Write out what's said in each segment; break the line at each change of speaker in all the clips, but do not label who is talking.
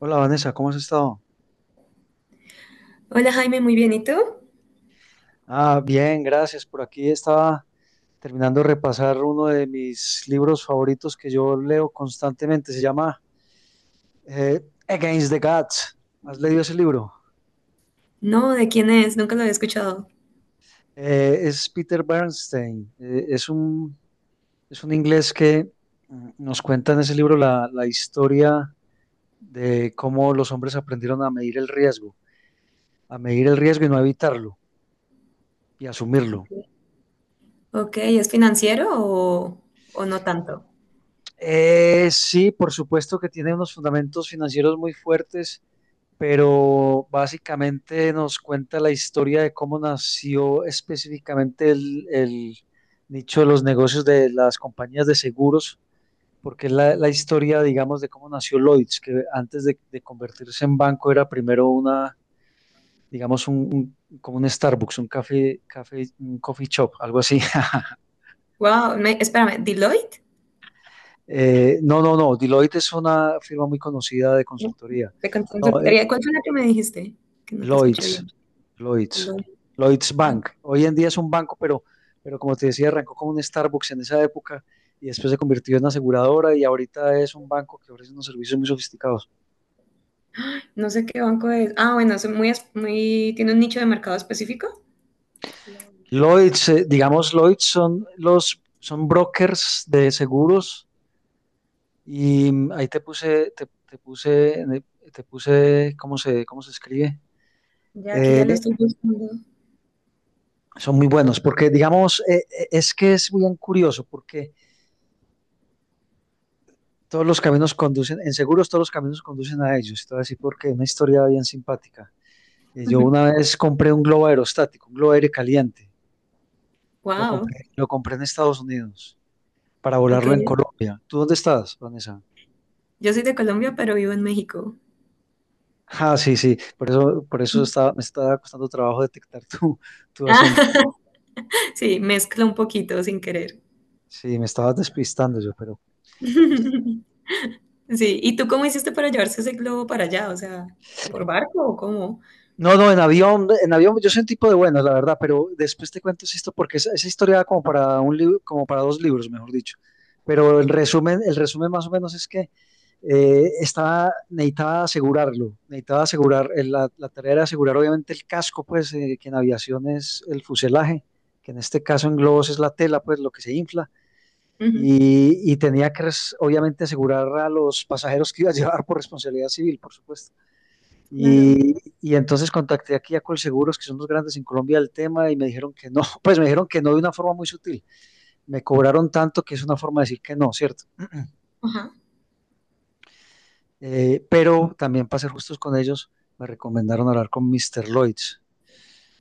Hola Vanessa, ¿cómo has estado?
Hola Jaime, muy bien. ¿Y tú?
Bien, gracias. Por aquí estaba terminando de repasar uno de mis libros favoritos que yo leo constantemente. Se llama eh, Against the Gods. ¿Has leído ese libro?
No, ¿de quién es? Nunca lo había escuchado.
Es Peter Bernstein. Es es un inglés que nos cuenta en ese libro la historia de cómo los hombres aprendieron a medir el riesgo, a medir el riesgo y no evitarlo y
Ok,
asumirlo.
ok, ¿es financiero o no tanto?
Sí, por supuesto que tiene unos fundamentos financieros muy fuertes, pero básicamente nos cuenta la historia de cómo nació específicamente el nicho de los negocios de las compañías de seguros, porque es la historia, digamos, de cómo nació Lloyds, que antes de convertirse en banco era primero digamos, como un Starbucks, un café, café, un coffee shop, algo así.
Wow, espérame, ¿Deloitte?
No, Deloitte es una firma muy conocida de
No,
consultoría.
de consultoría. ¿Cuál fue la que me dijiste? Que no te escuché
Lloyds,
bien.
Lloyds,
Deloitte.
Lloyds
Ah,
Bank. Hoy en día es un banco, pero como te decía, arrancó como un Starbucks en esa época y después se convirtió en una aseguradora y ahorita es un banco que ofrece unos servicios muy sofisticados.
no sé qué banco es. Ah, bueno, es muy, tiene un nicho de mercado específico. Deloitte.
Lloyds, digamos, Lloyds son los son brokers de seguros y ahí te puse, te puse, te puse, ¿cómo cómo se escribe?
Ya aquí ya
Eh,
lo estoy buscando.
Son muy buenos porque, digamos, es que es bien curioso porque todos los caminos conducen, en seguros todos los caminos conducen a ellos. Te voy a decir porque una historia bien simpática. Yo una vez compré un globo aerostático, un globo aire caliente.
Wow,
Lo compré en Estados Unidos para volarlo en
ok.
Colombia. ¿Tú dónde estás, Vanessa?
Yo soy de Colombia, pero vivo en México.
Ah, sí, sí. Por eso estaba, me estaba costando trabajo detectar tu
Ah,
acento.
sí, mezclo un poquito sin querer.
Sí, me estabas despistando yo, pero
Sí, ¿y tú cómo hiciste para llevarse ese globo para allá? O sea, ¿por barco o cómo?
no, no, en avión yo soy un tipo de buenas, la verdad, pero después te cuento esto porque esa historia da como para un libro, como para dos libros, mejor dicho. Pero en resumen, el resumen más o menos es que estaba, necesitaba asegurarlo, necesitaba asegurar, la tarea era asegurar obviamente el casco, pues, que en aviación es el fuselaje, que en este caso en globos es la tela, pues, lo que se infla,
Ujú,
y tenía que obviamente asegurar a los pasajeros que iba a llevar por responsabilidad civil, por supuesto.
claro.
Y, y entonces contacté aquí a Colseguros, que son los grandes en Colombia del tema, y me dijeron que no, pues me dijeron que no de una forma muy sutil. Me cobraron tanto que es una forma de decir que no, ¿cierto?
Ajá.
Pero también para ser justos con ellos, me recomendaron hablar con Mr. Lloyds.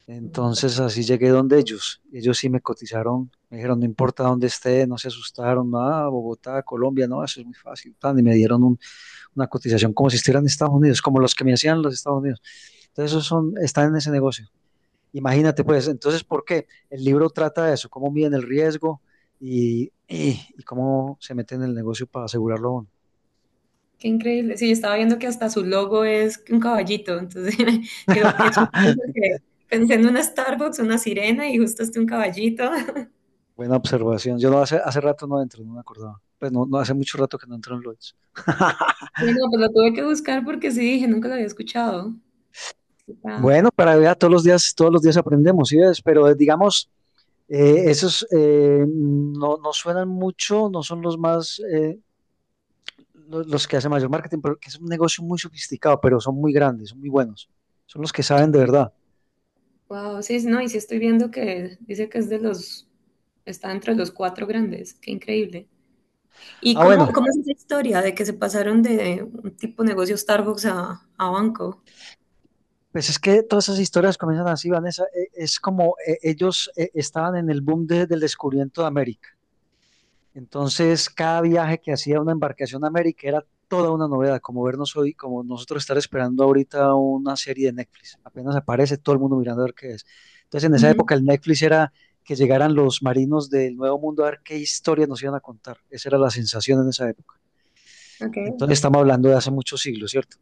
Entonces así llegué donde ellos. Ellos sí me cotizaron, me dijeron, no importa dónde esté, no se asustaron, nada, Bogotá, Colombia, no, eso es muy fácil. Y me dieron una cotización como si estuvieran en Estados Unidos, como los que me hacían los Estados Unidos. Entonces esos son, están en ese negocio. Imagínate, pues, entonces, ¿por qué? El libro trata de eso, cómo miden el riesgo y cómo se meten en el negocio para asegurarlo uno.
Qué increíble. Sí, yo estaba viendo que hasta su logo es un caballito. Entonces, digo, qué chistoso que pensé en una Starbucks, una sirena y justo este un caballito.
Buena observación. Yo no hace, hace rato no entro, no me acordaba. Pues no, no hace mucho rato que no entro en Lloyds.
Sí, no, pues lo tuve que buscar porque sí, dije, nunca lo había escuchado.
Bueno, para ver, todos los días aprendemos, ¿sí ves? Pero digamos, esos no, no suenan mucho, no son los más, los, que hacen mayor marketing, pero que es un negocio muy sofisticado, pero son muy grandes, son muy buenos. Son los que saben de verdad.
Wow, sí, sí, no, y sí estoy viendo que dice que es de los, está entre los cuatro grandes. Qué increíble. ¿Y
Ah, bueno,
cómo es esa historia de que se pasaron de un tipo de negocio Starbucks a banco?
pues es que todas esas historias comienzan así, Vanessa. Es como ellos estaban en el boom del descubrimiento de América. Entonces, cada viaje que hacía una embarcación a América era toda una novedad, como vernos hoy, como nosotros estar esperando ahorita una serie de Netflix. Apenas aparece todo el mundo mirando a ver qué es. Entonces, en esa
Ujú,
época el Netflix era que llegaran los marinos del Nuevo Mundo a ver qué historias nos iban a contar. Esa era la sensación en esa época.
ok.
Entonces, estamos hablando de hace muchos siglos, ¿cierto?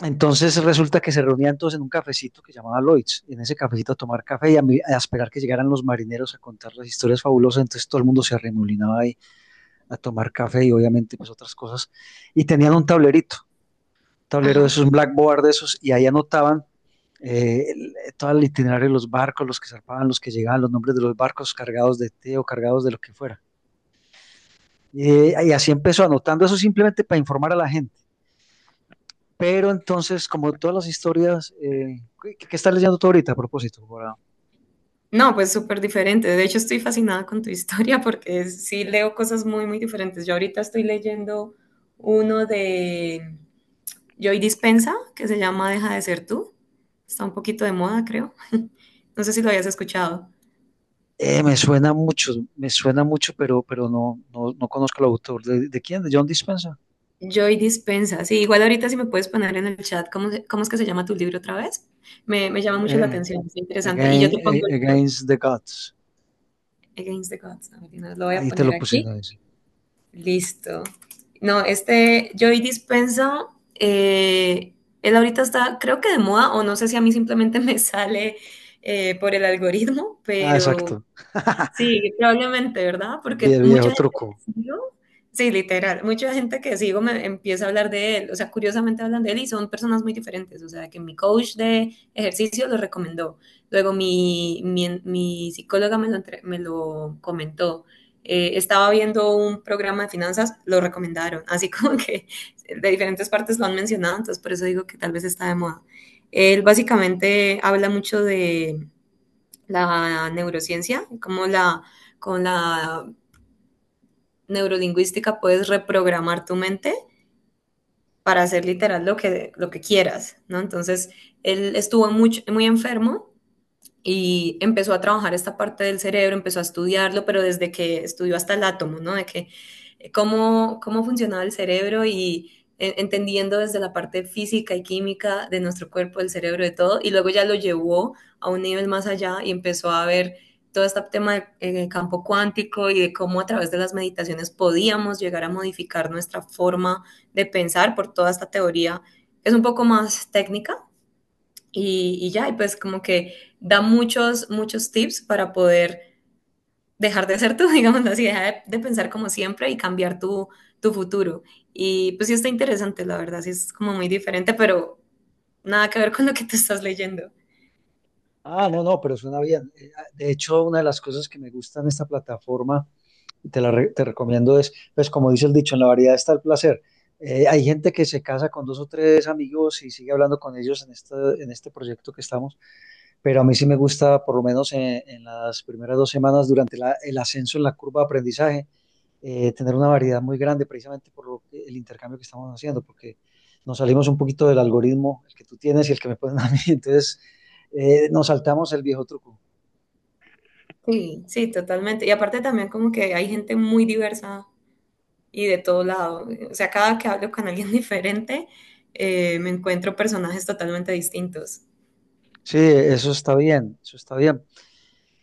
Entonces resulta que se reunían todos en un cafecito que llamaba Lloyd's, en ese cafecito a tomar café y a, a esperar que llegaran los marineros a contar las historias fabulosas, entonces todo el mundo se arremolinaba ahí a tomar café y obviamente pues otras cosas, y tenían un tablerito, tablero de
Ajá.
esos, un blackboard de esos, y ahí anotaban todo el itinerario de los barcos, los que zarpaban, los que llegaban, los nombres de los barcos cargados de té o cargados de lo que fuera. Y así empezó anotando eso simplemente para informar a la gente. Pero entonces, como todas las historias, ¿ qué estás leyendo tú ahorita a propósito?
No, pues súper diferente. De hecho, estoy fascinada con tu historia porque sí leo cosas muy diferentes. Yo ahorita estoy leyendo uno de Joy Dispensa que se llama Deja de ser tú. Está un poquito de moda, creo. No sé si lo habías escuchado.
Me suena mucho, me suena mucho, pero no, no, no conozco el autor. De quién? ¿De John Dispenza?
Joy Dispensa. Sí, igual ahorita si me puedes poner en el chat cómo es que se llama tu libro otra vez. Me llama mucho la
Eh,
atención, es interesante. Y yo te pongo el libro.
Against the Gods.
Against the Gods. A ver, no, lo voy a
Ahí te
poner
lo puse,
aquí.
¿no? Dice.
Listo. No, este Joy Dispenza, eh, él ahorita está, creo que de moda, o no sé si a mí simplemente me sale por el algoritmo,
Ah,
pero
exacto.
sí, probablemente, ¿verdad? Porque mucha
Viejo
gente
truco.
que sigo, sí, literal, mucha gente que sigo me empieza a hablar de él, o sea, curiosamente hablan de él y son personas muy diferentes, o sea, que mi coach de ejercicio lo recomendó, luego mi psicóloga me lo comentó, estaba viendo un programa de finanzas, lo recomendaron, así como que de diferentes partes lo han mencionado, entonces por eso digo que tal vez está de moda. Él básicamente habla mucho la neurociencia, con la neurolingüística puedes reprogramar tu mente para hacer literal lo que quieras, ¿no? Entonces, él estuvo mucho, muy enfermo y empezó a trabajar esta parte del cerebro, empezó a estudiarlo, pero desde que estudió hasta el átomo, ¿no? De que Cómo, cómo funcionaba el cerebro y entendiendo desde la parte física y química de nuestro cuerpo, del cerebro, de todo, y luego ya lo llevó a un nivel más allá y empezó a ver todo este tema del campo cuántico y de cómo a través de las meditaciones podíamos llegar a modificar nuestra forma de pensar por toda esta teoría. Es un poco más técnica, y pues como que da muchos tips para poder dejar de ser tú, digamos así, de pensar como siempre y cambiar tu, tu futuro. Y pues sí está interesante, la verdad, sí es como muy diferente, pero nada que ver con lo que tú estás leyendo.
Ah, no, no, pero suena bien. De hecho, una de las cosas que me gusta en esta plataforma te recomiendo es, pues como dice el dicho, en la variedad está el placer. Hay gente que se casa con dos o tres amigos y sigue hablando con ellos en este proyecto que estamos, pero a mí sí me gusta, por lo menos en las primeras dos semanas, durante el ascenso en la curva de aprendizaje, tener una variedad muy grande precisamente por el intercambio que estamos haciendo, porque nos salimos un poquito del algoritmo, el que tú tienes y el que me ponen a mí, entonces nos saltamos el viejo truco.
Sí. Sí, totalmente. Y aparte también como que hay gente muy diversa y de todo lado. O sea, cada que hablo con alguien diferente, me encuentro personajes totalmente distintos.
Sí, eso está bien, eso está bien.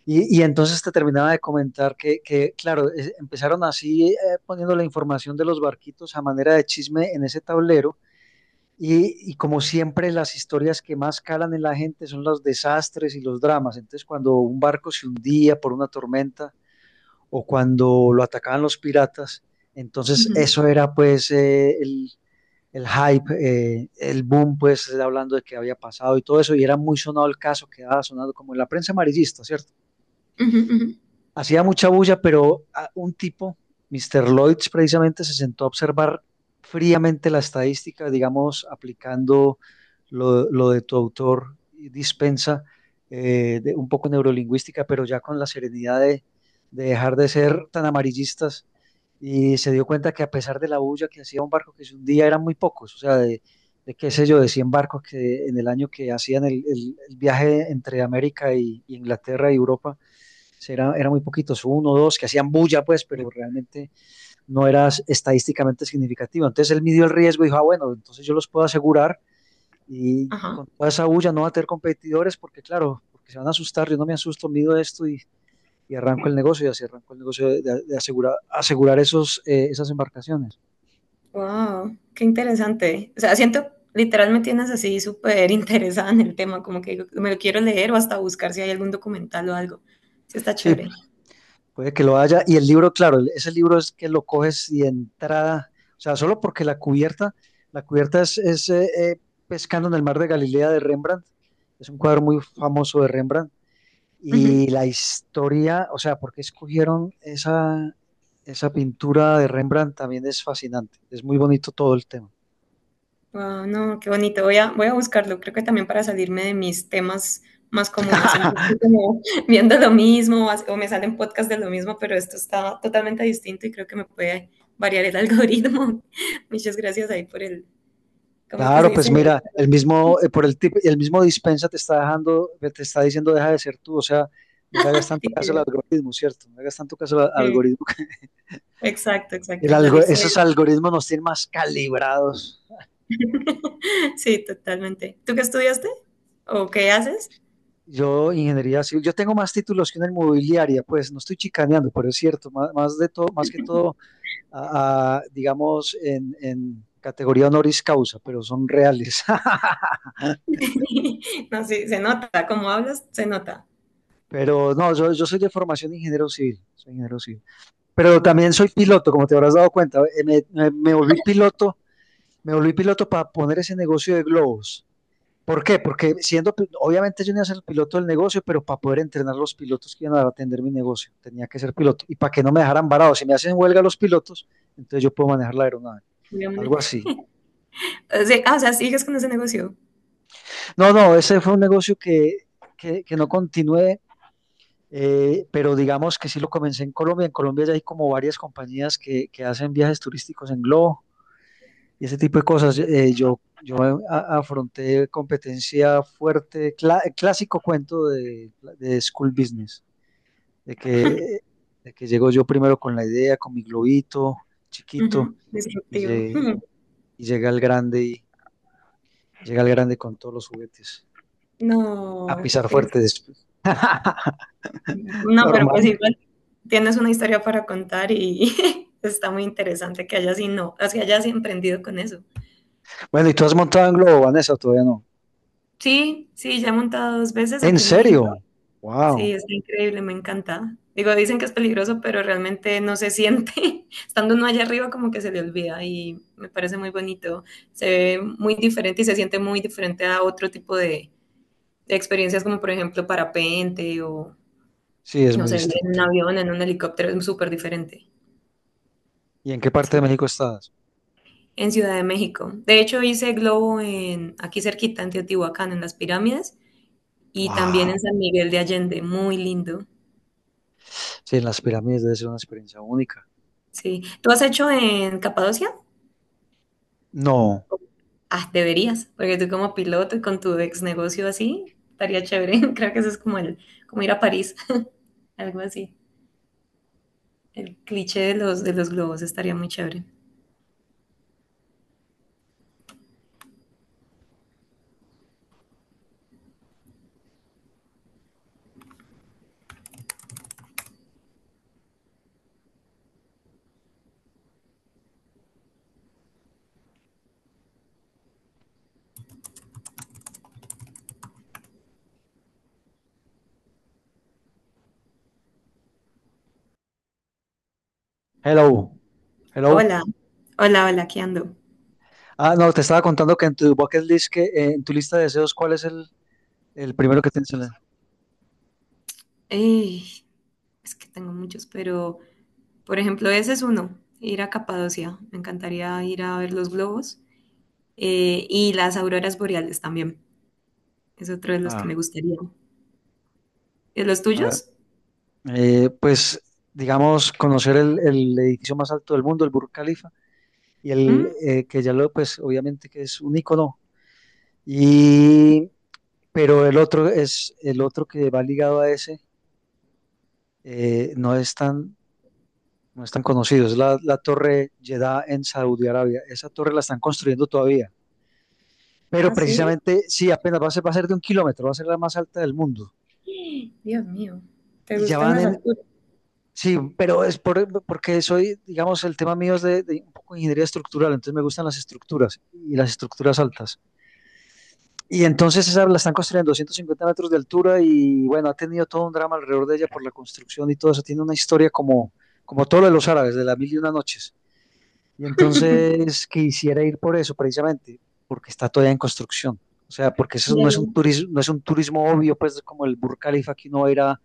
Y entonces te terminaba de comentar que, claro, empezaron así poniendo la información de los barquitos a manera de chisme en ese tablero y como siempre las historias que más calan en la gente son los desastres y los dramas. Entonces cuando un barco se hundía por una tormenta o cuando lo atacaban los piratas, entonces
Ujú,
eso era pues el hype, el boom pues hablando de que había pasado y todo eso y era muy sonado el caso, quedaba sonado como en la prensa amarillista, ¿cierto?
ujú, ujú.
Hacía mucha bulla, pero un tipo, Mister Lloyds, precisamente se sentó a observar fríamente la estadística, digamos, aplicando lo de tu autor dispensa, un poco neurolingüística, pero ya con la serenidad de dejar de ser tan amarillistas y se dio cuenta que a pesar de la bulla que hacía un barco que se hundía, eran muy pocos, o sea, de qué sé yo, de 100 barcos que en el año que hacían el viaje entre América y Inglaterra y Europa era, era muy poquitos, uno o dos que hacían bulla, pues, pero realmente no era estadísticamente significativo. Entonces él midió el riesgo y dijo, ah, bueno, entonces yo los puedo asegurar y
Ajá.
con toda esa bulla no va a tener competidores porque, claro, porque se van a asustar, yo no me asusto, mido esto y arranco el negocio y así arranco el negocio de asegurar, asegurar esos, esas embarcaciones.
Wow, qué interesante. O sea, siento, literal me tienes así súper interesada en el tema, como que digo, me lo quiero leer o hasta buscar si hay algún documental o algo. Sí, está
Sí,
chévere.
puede que lo haya. Y el libro, claro, ese libro es que lo coges y de entrada, o sea, solo porque la cubierta es, Pescando en el mar de Galilea de Rembrandt. Es un cuadro muy famoso de Rembrandt.
Ujú.
Y la historia, o sea, porque escogieron esa, esa pintura de Rembrandt también es fascinante. Es muy bonito todo el tema.
Wow, no, qué bonito. Voy a buscarlo. Creo que también para salirme de mis temas más comunes. Siempre estoy como viendo lo mismo o me salen podcasts de lo mismo, pero esto está totalmente distinto y creo que me puede variar el algoritmo. Muchas gracias ahí ¿cómo es que se
Claro, pues
dice?
mira, el mismo, el mismo dispensa te está dejando, te está diciendo deja de ser tú, o sea, no le hagas tanto caso al
Tiqueteo.
algoritmo, ¿cierto? No le hagas tanto caso al
Eh,
algoritmo.
exacto, exacto, salirse.
Esos algoritmos nos tienen más calibrados.
Sí, totalmente. ¿Tú qué estudiaste? ¿O qué haces?
Yo, ingeniería civil, yo tengo más títulos que una inmobiliaria, pues no estoy chicaneando, pero es cierto, más, más de todo, más que todo, digamos, en categoría honoris causa, pero son reales.
No, sí, se nota. Como hablas, se nota.
Pero no, yo soy de formación de ingeniero civil, soy ingeniero civil. Pero
Ah, qué
también soy piloto, como te habrás dado cuenta. Me volví piloto, me volví piloto para poner ese negocio de globos. ¿Por qué? Porque siendo, obviamente yo no iba a ser el piloto del negocio, pero para poder entrenar los pilotos que iban a atender mi negocio, tenía que ser piloto. Y para que no me dejaran varado, si me hacen huelga los pilotos, entonces yo puedo manejar la aeronave,
buena.
algo así.
O sea, ah, o sea, sigues con ese negocio.
No, no, ese fue un negocio que no continué, pero digamos que sí lo comencé en Colombia. En Colombia ya hay como varias compañías que hacen viajes turísticos en globo y ese tipo de cosas. Yo afronté competencia fuerte, clásico cuento de School Business, de que, de que llego yo primero con la idea, con mi globito chiquito,
Ujú,
y,
disruptivo.
lle-
Ujú.
y llega el grande y llega el grande con todos los juguetes. A
No, qué
pisar
triste.
fuerte después.
No, pero pues
Normal.
igual tienes una historia para contar y está muy interesante que hayas, y no, o que hayas emprendido con eso.
Bueno, ¿y tú has montado en globo, Vanessa? ¿O todavía no?
Sí, sí, ya he montado dos veces
¿En
aquí en
serio?
México. Sí,
Wow.
está increíble, me encanta. Digo, dicen que es peligroso, pero realmente no se siente. Estando uno allá arriba, como que se le olvida y me parece muy bonito. Se ve muy diferente y se siente muy diferente a otro tipo de experiencias, como por ejemplo
Sí, es
no
muy
sé, en
distinto.
un avión, en un helicóptero, es súper diferente.
¿Y en qué parte de
Sí,
México estás?
en Ciudad de México. De hecho, hice globo en, aquí cerquita, en Teotihuacán, en las pirámides, y también
Wow.
en San Miguel de Allende, muy lindo.
Sí, en las pirámides debe ser una experiencia única.
Sí. ¿Tú has hecho en Capadocia?
No.
Ah, deberías, porque tú como piloto y con tu ex negocio así, estaría chévere. Creo que eso es como el, como ir a París, algo así. El cliché de de los globos estaría muy chévere.
Hello, hello.
Hola, hola, hola, ¿qué ando?
Ah, no, te estaba contando que en tu bucket list, que, en tu lista de deseos, ¿cuál es el primero que tienes en la...?
Ey, es que tengo muchos, pero por ejemplo, ese es uno, ir a Capadocia. Me encantaría ir a ver los globos y las auroras boreales también. Es otro de los que
Ah,
me gustaría. ¿De los
ah,
tuyos?
pues, digamos, conocer el edificio más alto del mundo, el Burj Khalifa, y el
¿Mm?
que ya lo, pues, obviamente, que es un icono. Y pero el otro es, el otro que va ligado a ese, eh, no es tan, no es tan conocido, es la Torre Jeddah en Saudi Arabia. Esa torre la están construyendo todavía. Pero
Ah, sí.
precisamente, sí, apenas va a ser de un kilómetro, va a ser la más alta del mundo.
Dios mío, ¿te
Y ya
gustan
van
las
en,
alturas?
sí, pero es por, porque soy, digamos, el tema mío es de un poco de ingeniería estructural, entonces me gustan las estructuras y las estructuras altas. Y entonces esa la están construyendo a 250 metros de altura y bueno, ha tenido todo un drama alrededor de ella por la construcción y todo eso. Tiene una historia como, como todo lo de los árabes, de la mil y una noches. Y entonces quisiera ir por eso precisamente, porque está todavía en construcción. O sea, porque eso no es un turismo, no es un turismo obvio, pues como el Burj Khalifa que uno va a ir a-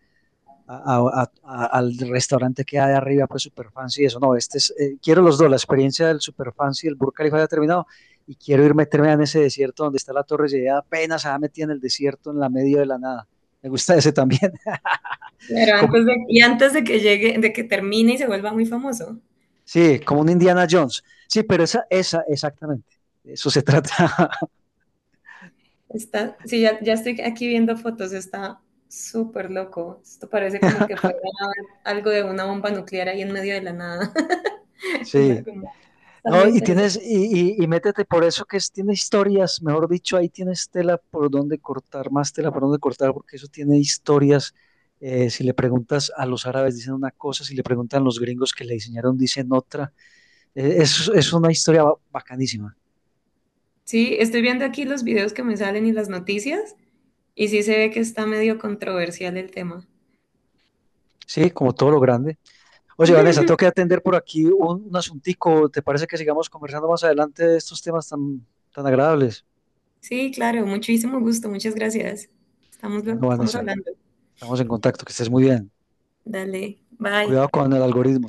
a- a- a- al restaurante que hay arriba, pues super fancy y eso. No, este es, quiero los dos, la experiencia del super fancy y el Burj Khalifa ya terminado. Y quiero ir meterme en ese desierto donde está la Torre Eiffel, apenas se va metida en el desierto, en la medio de la nada. Me gusta ese también.
Claro,
Como,
antes de, y antes de que llegue, de que termine y se vuelva muy famoso.
sí, como un Indiana Jones. Sí, pero exactamente. De eso se trata.
Está, sí, ya, ya estoy aquí viendo fotos, está súper loco. Esto parece como que fuera algo de una bomba nuclear ahí en medio de la nada. Una
Sí.
como- está muy
No, y
interesante.
tienes, y métete por eso, que es, tiene historias, mejor dicho, ahí tienes tela por donde cortar, más tela por donde cortar, porque eso tiene historias. Si le preguntas a los árabes, dicen una cosa, si le preguntan a los gringos que le diseñaron, dicen otra. Es una historia bacanísima,
Sí, estoy viendo aquí los videos que me salen y las noticias, y sí se ve que está medio controversial el tema.
sí, como todo lo grande. Oye, Vanessa, tengo que atender por aquí un asuntico. ¿Te parece que sigamos conversando más adelante de estos temas tan, tan agradables?
Sí, claro, muchísimo gusto, muchas gracias. Estamos,
Bueno,
estamos
Vanessa,
hablando.
estamos en contacto, que estés muy bien.
Dale,
Y
bye.
cuidado con el algoritmo.